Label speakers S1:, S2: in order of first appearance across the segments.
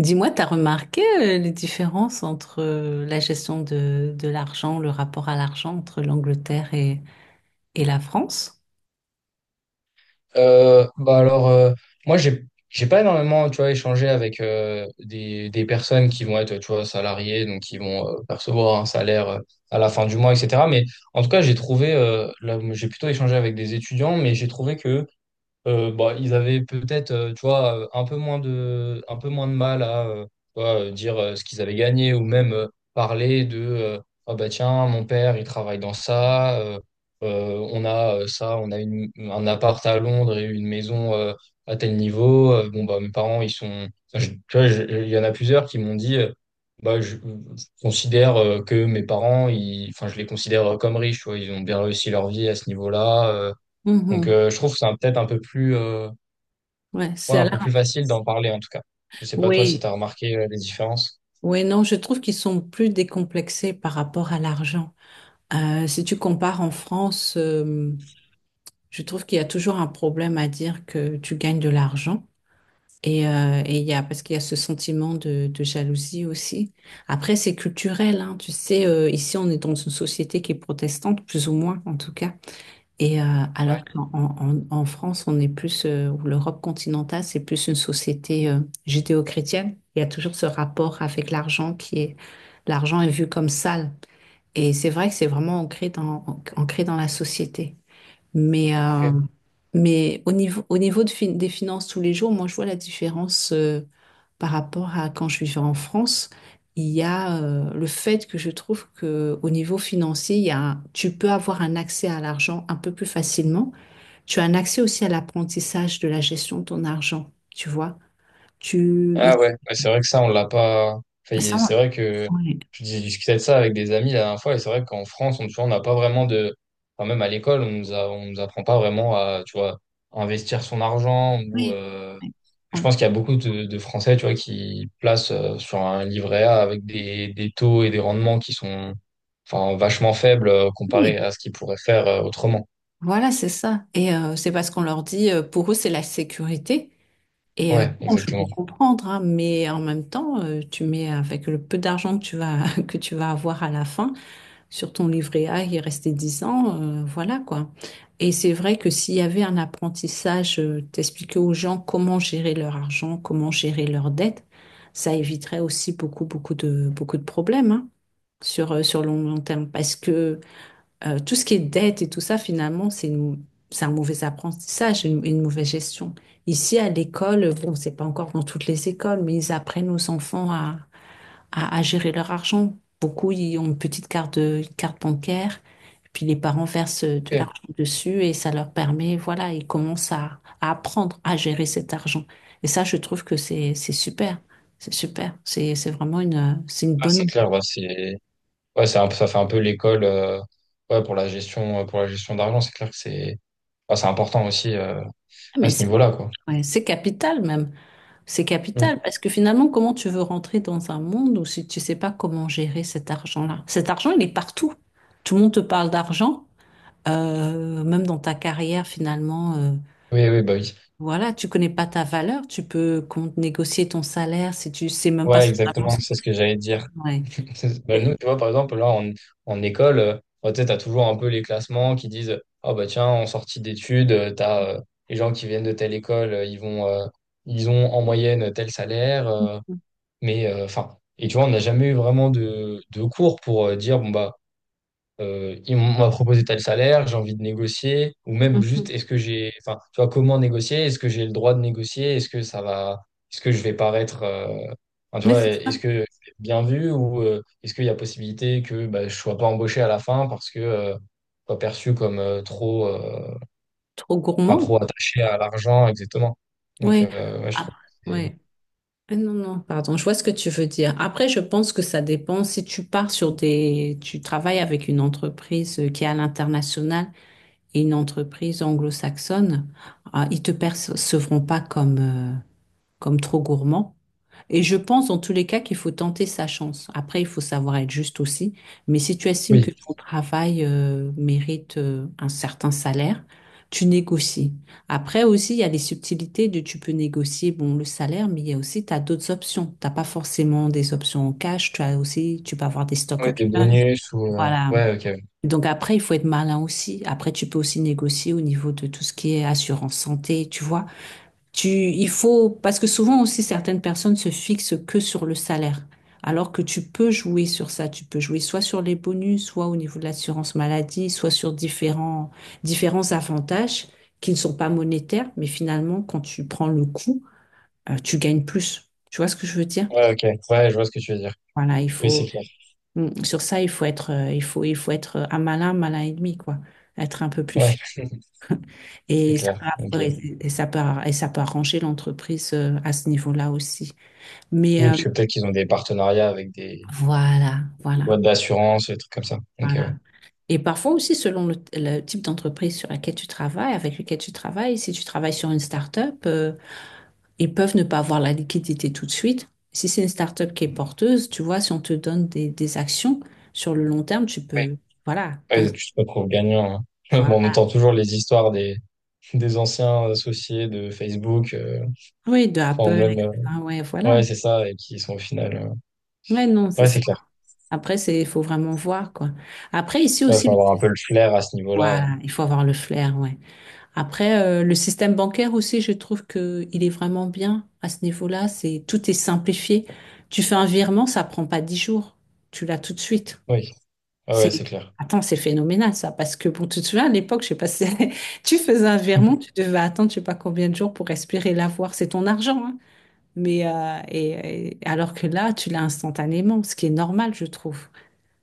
S1: Dis-moi, t'as remarqué les différences entre la gestion de l'argent, le rapport à l'argent entre l'Angleterre et la France?
S2: Bah alors, moi, j'ai pas énormément, tu vois, échangé avec des personnes qui vont être, tu vois, salariées, donc qui vont percevoir un salaire à la fin du mois, etc. Mais en tout cas, j'ai trouvé, là, j'ai plutôt échangé avec des étudiants, mais j'ai trouvé que bah, ils avaient peut-être, tu vois, un peu moins de mal à tu vois, dire ce qu'ils avaient gagné ou même parler de ah bah tiens, mon père, il travaille dans ça, on a ça, on a un appart à Londres et une maison à tel niveau. Bon, bah, mes parents, ils sont. Enfin, tu vois, il y en a plusieurs qui m'ont dit bah, je considère que mes parents, ils, enfin, je les considère comme riches, tu vois, ils ont bien réussi leur vie à ce niveau-là. Donc,
S1: Mhm.
S2: je trouve que peut-être un peu plus,
S1: Ouais,
S2: ouais,
S1: c'est à
S2: un
S1: la...
S2: peu plus facile d'en parler, en tout cas. Je sais pas toi si
S1: Oui,
S2: tu as remarqué les différences.
S1: oui, non, je trouve qu'ils sont plus décomplexés par rapport à l'argent. Si tu compares en France, je trouve qu'il y a toujours un problème à dire que tu gagnes de l'argent. Et il y a, parce qu'il y a ce sentiment de jalousie aussi. Après, c'est culturel, hein. Tu sais, ici, on est dans une société qui est protestante, plus ou moins, en tout cas. Et
S2: Ouais,
S1: alors qu'en en France, on est plus, ou l'Europe continentale, c'est plus une société judéo-chrétienne. Il y a toujours ce rapport avec l'argent qui est, l'argent est vu comme sale. Et c'est vrai que c'est vraiment ancré dans la société. Mais, euh,
S2: ok.
S1: mais au niveau des finances tous les jours, moi, je vois la différence par rapport à quand je vivais en France. Il y a le fait que je trouve que au niveau financier, il y a, un- tu peux avoir un accès à l'argent un peu plus facilement. Tu as un accès aussi à l'apprentissage de la gestion de ton argent, tu vois. Tu,
S2: Ah
S1: il-
S2: ouais, ouais, c'est vrai que ça, on l'a pas. Enfin,
S1: ça,
S2: c'est vrai que
S1: on- Oui,
S2: je discutais de ça avec des amis la dernière fois, et c'est vrai qu'en France, on, tu vois, on n'a pas vraiment de. Enfin, même à l'école, on nous apprend pas vraiment à, tu vois, investir son argent ou,
S1: oui,
S2: je
S1: oui.
S2: pense qu'il y a beaucoup de Français, tu vois, qui placent sur un livret A avec des taux et des rendements qui sont, enfin, vachement faibles
S1: Oui,
S2: comparé à ce qu'ils pourraient faire autrement.
S1: voilà, c'est ça. Et c'est parce qu'on leur dit, pour eux, c'est la sécurité. Et
S2: Ouais,
S1: bon, je peux
S2: exactement.
S1: comprendre, hein, mais en même temps, tu mets avec le peu d'argent que tu vas, que tu vas avoir à la fin sur ton livret A, il restait 10 ans, voilà quoi. Et c'est vrai que s'il y avait un apprentissage, t'expliquer aux gens comment gérer leur argent, comment gérer leurs dettes, ça éviterait aussi beaucoup, beaucoup de problèmes, hein, sur le long, long terme. Parce que tout ce qui est dette et tout ça, finalement, c'est un mauvais apprentissage, une mauvaise gestion. Ici, à l'école, bon, c'est pas encore dans toutes les écoles, mais ils apprennent aux enfants à gérer leur argent. Beaucoup, ils ont une petite carte, une carte bancaire, puis les parents versent de
S2: Ok.
S1: l'argent dessus et ça leur permet, voilà, ils commencent à, apprendre à gérer cet argent. Et ça, je trouve que c'est super. C'est super. C'est vraiment une, c'est une
S2: Ah,
S1: bonne.
S2: c'est clair, ouais, ouais, ça fait un peu l'école, ouais, pour la gestion d'argent. C'est clair que c'est, enfin, c'est important aussi à
S1: Mais
S2: ce
S1: c'est,
S2: niveau-là, quoi.
S1: ouais, c'est capital même. C'est
S2: Mm.
S1: capital parce que finalement, comment tu veux rentrer dans un monde où si tu sais pas comment gérer cet argent-là? Cet argent, il est partout. Tout le monde te parle d'argent, même dans ta carrière finalement.
S2: Oui, oui, bah oui.
S1: Voilà, tu connais pas ta valeur, tu peux compte négocier ton salaire si tu sais même pas
S2: Ouais,
S1: ce vraiment
S2: exactement.
S1: ce que-
S2: C'est ce que j'allais dire.
S1: ouais.
S2: Bah,
S1: Et-
S2: nous, tu vois, par exemple, là, en école, bah, tu sais, t'as toujours un peu les classements qui disent, ah bah tiens, en sortie d'études, t'as les gens qui viennent de telle école, ils vont, ils ont en moyenne tel salaire, mais enfin, et tu vois, on n'a jamais eu vraiment de cours pour dire, bon bah, m'a proposé tel salaire, j'ai envie de négocier, ou même juste
S1: Mhm.
S2: est-ce que j'ai, enfin, tu vois, comment négocier, est-ce que j'ai le droit de négocier, est-ce que ça va, est-ce que je vais paraître, enfin, tu
S1: Oui,
S2: vois,
S1: c'est
S2: est-ce
S1: ça.
S2: que je vais être bien vu ou est-ce qu'il y a possibilité que bah, je sois pas embauché à la fin parce que je sois perçu comme trop,
S1: Trop
S2: enfin,
S1: gourmand.
S2: trop attaché à l'argent, exactement. Donc,
S1: Oui.
S2: ouais, je
S1: Ah,
S2: trouve que
S1: oui. Ah, non, non, pardon, je vois ce que tu veux dire. Après, je pense que ça dépend si tu pars sur des... Tu travailles avec une entreprise qui est à l'international et une entreprise anglo-saxonne, ah, ils te percevront pas comme trop gourmand. Et je pense en tous les cas qu'il faut tenter sa chance. Après, il faut savoir être juste aussi. Mais si tu estimes
S2: oui,
S1: que ton travail mérite un certain salaire, tu négocies. Après aussi, il y a les subtilités de tu peux négocier bon le salaire, mais il y a aussi tu as d'autres options. T'as pas forcément des options en cash. Tu as aussi tu peux avoir des stock
S2: oui, des
S1: options.
S2: bonus ou
S1: Voilà.
S2: ouais, ok,
S1: Donc après, il faut être malin aussi. Après, tu peux aussi négocier au niveau de tout ce qui est assurance santé, tu vois. Il faut, parce que souvent aussi certaines personnes se fixent que sur le salaire, alors que tu peux jouer sur ça. Tu peux jouer soit sur les bonus, soit au niveau de l'assurance maladie, soit sur différents avantages qui ne sont pas monétaires, mais finalement, quand tu prends le coup, tu gagnes plus. Tu vois ce que je veux dire?
S2: ouais, ok, ouais, je vois ce que tu veux dire.
S1: Voilà, il
S2: Oui,
S1: faut,
S2: c'est clair.
S1: Sur ça, il faut être, il faut être un malin, malin et demi, quoi. Être un peu plus
S2: Ouais,
S1: fin.
S2: c'est
S1: Et ça
S2: clair. Ok.
S1: peut, et ça peut, et ça peut arranger l'entreprise à ce niveau-là aussi. Mais
S2: Oui, parce que peut-être qu'ils ont des partenariats avec des
S1: voilà, voilà.
S2: boîtes d'assurance, des trucs comme ça. Donc,
S1: Voilà. Et parfois aussi, selon le type d'entreprise sur laquelle tu travailles, avec lequel tu travailles, si tu travailles sur une start-up, ils peuvent ne pas avoir la liquidité tout de suite. Si c'est une start-up qui est porteuse, tu vois, si on te donne des actions sur le long terme, tu
S2: ouais.
S1: peux. Voilà. Donc,
S2: Ouais, tu te retrouves gagnant. Hein. Bon, on
S1: voilà.
S2: entend toujours les histoires des anciens associés de Facebook,
S1: Oui, de
S2: enfin, ou
S1: Apple,
S2: même,
S1: etc. Ouais, voilà.
S2: ouais, c'est ça, et qui sont au final,
S1: Ouais, non, c'est
S2: ouais,
S1: ça.
S2: c'est clair.
S1: Après, c'est, il faut vraiment voir, quoi. Après, ici
S2: Ouais, faut
S1: aussi,
S2: avoir un peu le flair à ce niveau-là.
S1: voilà, il faut avoir le flair, ouais. Après, le système bancaire aussi, je trouve que il est vraiment bien à ce niveau-là. C'est tout est simplifié. Tu fais un virement, ça prend pas 10 jours. Tu l'as tout de suite.
S2: Oui, ouais, ouais,
S1: C'est
S2: c'est clair.
S1: attends, c'est phénoménal ça, parce que bon, tu te souviens à l'époque, je sais pas si tu faisais un virement, tu devais attendre, je sais pas combien de jours pour espérer l'avoir. C'est ton argent, hein. Mais alors que là, tu l'as instantanément, ce qui est normal, je trouve.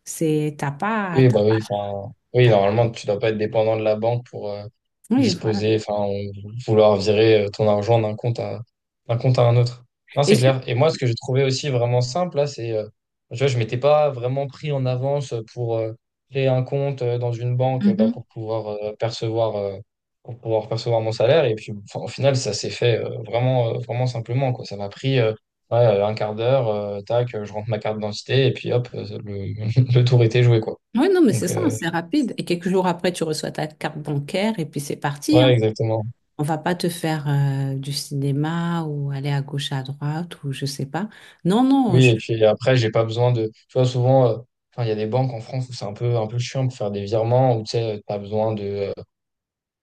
S1: C'est t'as pas,
S2: Oui,
S1: t'as-
S2: bah oui, enfin, oui,
S1: t'as pas-
S2: normalement, tu dois pas être dépendant de la banque pour
S1: Oui, voilà.
S2: disposer, enfin, ou vouloir virer ton argent d'un compte à un autre. Non,
S1: Et
S2: c'est
S1: je-
S2: clair. Et moi, ce que j'ai trouvé aussi vraiment simple, là, c'est, tu vois, je m'étais pas vraiment pris en avance pour créer un compte dans une banque, bah,
S1: Mhm.
S2: pour pouvoir percevoir mon salaire. Et puis, enfin, au final, ça s'est fait vraiment simplement, quoi. Ça m'a pris, ouais, un quart d'heure, tac, je rentre ma carte d'identité, et puis hop, le tour était joué, quoi.
S1: Oui, non, mais c'est
S2: Donc,
S1: ça, c'est rapide. Et quelques jours après, tu reçois ta carte bancaire et puis c'est parti,
S2: ouais,
S1: hein.
S2: exactement.
S1: On va pas te faire du cinéma ou aller à gauche, à droite ou je sais pas. Non, non,
S2: Oui,
S1: je...
S2: et puis après, j'ai pas besoin de. Tu vois, souvent, enfin, il y a des banques en France où c'est un peu chiant pour faire des virements, où tu sais, t'as besoin de.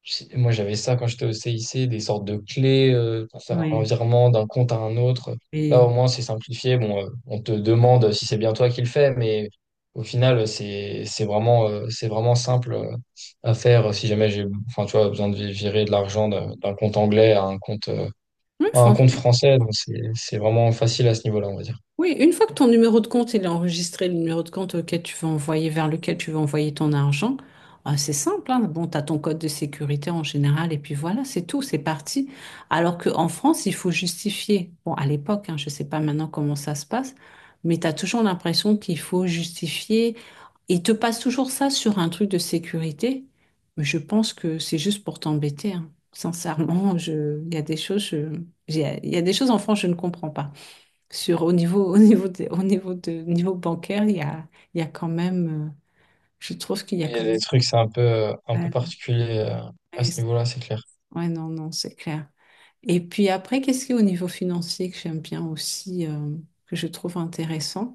S2: Moi, j'avais ça quand j'étais au CIC, des sortes de clés pour faire un
S1: Oui,
S2: virement d'un compte à un autre. Là,
S1: et...
S2: au moins, c'est simplifié. Bon, on te demande si c'est bien toi qui le fais, mais au final, c'est vraiment simple à faire si jamais j'ai, enfin, tu vois, besoin de virer de l'argent d'un compte anglais à
S1: oui,
S2: un compte
S1: français.
S2: français, donc c'est vraiment facile à ce niveau-là, on va dire.
S1: Oui, une fois que ton numéro de compte il est enregistré, le numéro de compte auquel tu veux envoyer, vers lequel tu veux envoyer ton argent, ah, c'est simple, hein. Bon, tu as ton code de sécurité en général, et puis voilà, c'est tout, c'est parti. Alors qu'en France, il faut justifier. Bon, à l'époque, hein, je ne sais pas maintenant comment ça se passe, mais tu as toujours l'impression qu'il faut justifier. Ils te passent toujours ça sur un truc de sécurité, mais je pense que c'est juste pour t'embêter, hein. Sincèrement, je... il y a des choses, je- il y a des choses en France, je ne comprends pas. Au niveau de, niveau bancaire, il y a quand même, je trouve qu'il y a
S2: Mais il y a
S1: quand
S2: des trucs, c'est un peu
S1: même.
S2: particulier
S1: Ouais,
S2: à
S1: ouais,
S2: ce
S1: c'est-
S2: niveau-là, c'est clair.
S1: ouais, non, non, c'est clair. Et puis après, qu'est-ce qui est au niveau financier que j'aime bien aussi, que je trouve intéressant?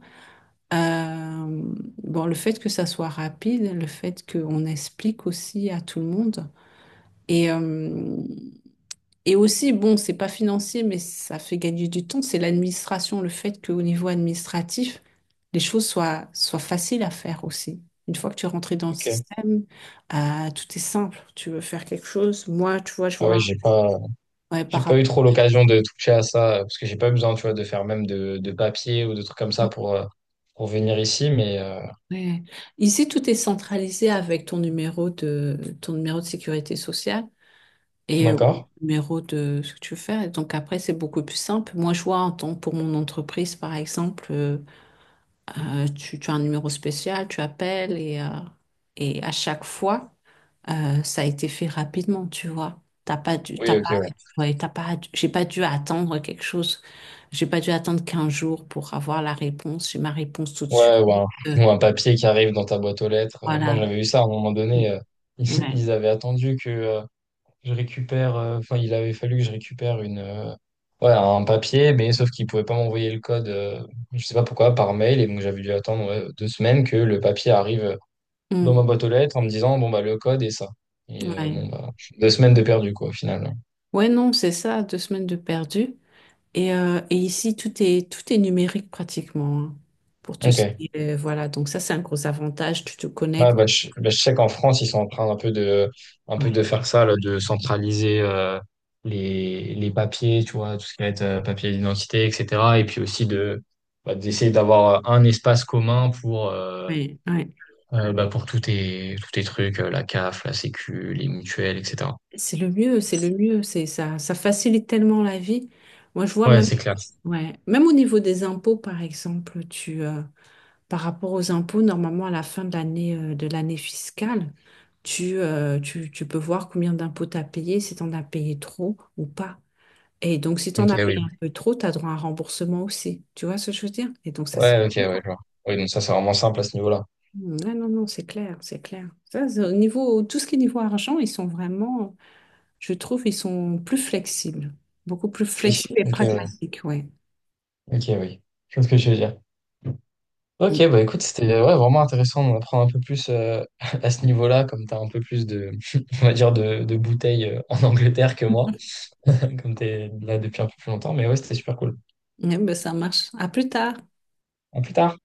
S1: Euh, bon, le fait que ça soit rapide, le fait qu'on explique aussi à tout le monde. Et, euh, Et aussi, bon, c'est pas financier, mais ça fait gagner du temps, c'est l'administration, le fait qu'au niveau administratif, les choses soient faciles à faire aussi. Une fois que tu es rentré dans le
S2: Ok.
S1: système, tout est simple. Tu veux faire quelque chose, moi, tu vois, je
S2: Ah ouais,
S1: vois,
S2: j'ai pas
S1: ouais,
S2: j'ai
S1: par
S2: pas eu
S1: rapport.
S2: trop l'occasion de toucher à ça parce que j'ai pas besoin, tu vois, de faire même de papier ou de trucs comme ça pour venir ici, mais
S1: Ouais. Ici, tout est centralisé avec ton numéro de sécurité sociale et au
S2: d'accord.
S1: numéro de ce que tu veux faire. Donc après, c'est beaucoup plus simple. Moi, je vois en tant pour mon entreprise, par exemple, tu as un numéro spécial, tu appelles et à chaque fois, ça a été fait rapidement, tu vois. T'as pas dû, t'as
S2: Oui, ok,
S1: pas,
S2: ouais.
S1: ouais, t'as pas, dû- j'ai pas dû attendre quelque chose. J'ai pas dû attendre 15 jours pour avoir la réponse. J'ai ma réponse tout de suite.
S2: Ouais,
S1: Euh,
S2: ou un papier qui arrive dans ta boîte aux lettres. Moi,
S1: voilà.
S2: j'avais eu ça à un moment
S1: Mm,
S2: donné.
S1: ouais.
S2: Ils avaient attendu que je récupère, enfin, il avait fallu que je récupère ouais, un papier, mais sauf qu'il pouvait pas m'envoyer le code, je sais pas pourquoi, par mail, et donc j'avais dû attendre ouais, 2 semaines que le papier arrive dans ma
S1: Mm,
S2: boîte aux lettres en me disant, bon, bah, le code est ça. Et
S1: ouais.
S2: bon, bah, 2 semaines de perdu, quoi, finalement.
S1: Ouais, non, c'est ça, 2 semaines de perdu. Et ici, tout est numérique pratiquement, hein, pour tout ce
S2: Ok.
S1: qui est, voilà. Donc ça, c'est un gros avantage. Tu te
S2: Ouais,
S1: connectes.
S2: bah, bah, je sais qu'en France, ils sont en train un peu de,
S1: Ouais.
S2: faire ça, là, de centraliser les papiers, tu vois, tout ce qui va être papier d'identité, etc. Et puis aussi de, bah, d'essayer d'avoir un espace commun pour,
S1: Ouais. Ouais.
S2: Bah pour tous tes trucs, la CAF, la Sécu, les mutuelles, etc.
S1: C'est le mieux, c'est le mieux, c'est ça, ça facilite tellement la vie. Moi, je vois
S2: Ouais,
S1: même,
S2: c'est clair.
S1: ouais, même au niveau des impôts, par exemple, par rapport aux impôts, normalement à la fin de l'année fiscale, tu peux voir combien d'impôts tu as payé, si tu en as payé trop ou pas. Et donc, si tu en
S2: Ok,
S1: as
S2: oui.
S1: payé un peu trop, tu as droit à un remboursement aussi. Tu vois ce que je veux dire? Et donc, ça, c'est...
S2: Ouais, ok, ouais,
S1: Ah,
S2: je vois. Oui, donc ça, c'est vraiment simple à ce niveau-là.
S1: non, non, non, c'est clair, c'est clair. Ça, c'est au niveau, tout ce qui est niveau argent, ils sont vraiment... Je trouve ils sont plus flexibles, beaucoup plus
S2: Oui,
S1: flexibles et
S2: ok, ouais.
S1: pragmatiques, ouais.
S2: Ok, oui. Je vois ce que je veux dire.
S1: Mm.
S2: Ok, bah écoute, c'était ouais, vraiment intéressant d'en apprendre un peu plus à ce niveau-là, comme t'as un peu plus de, on va dire, de bouteilles en Angleterre que moi, comme t'es là depuis un peu plus longtemps. Mais ouais, c'était super cool.
S1: Ouais, ben, ça marche. À plus tard.
S2: À plus tard.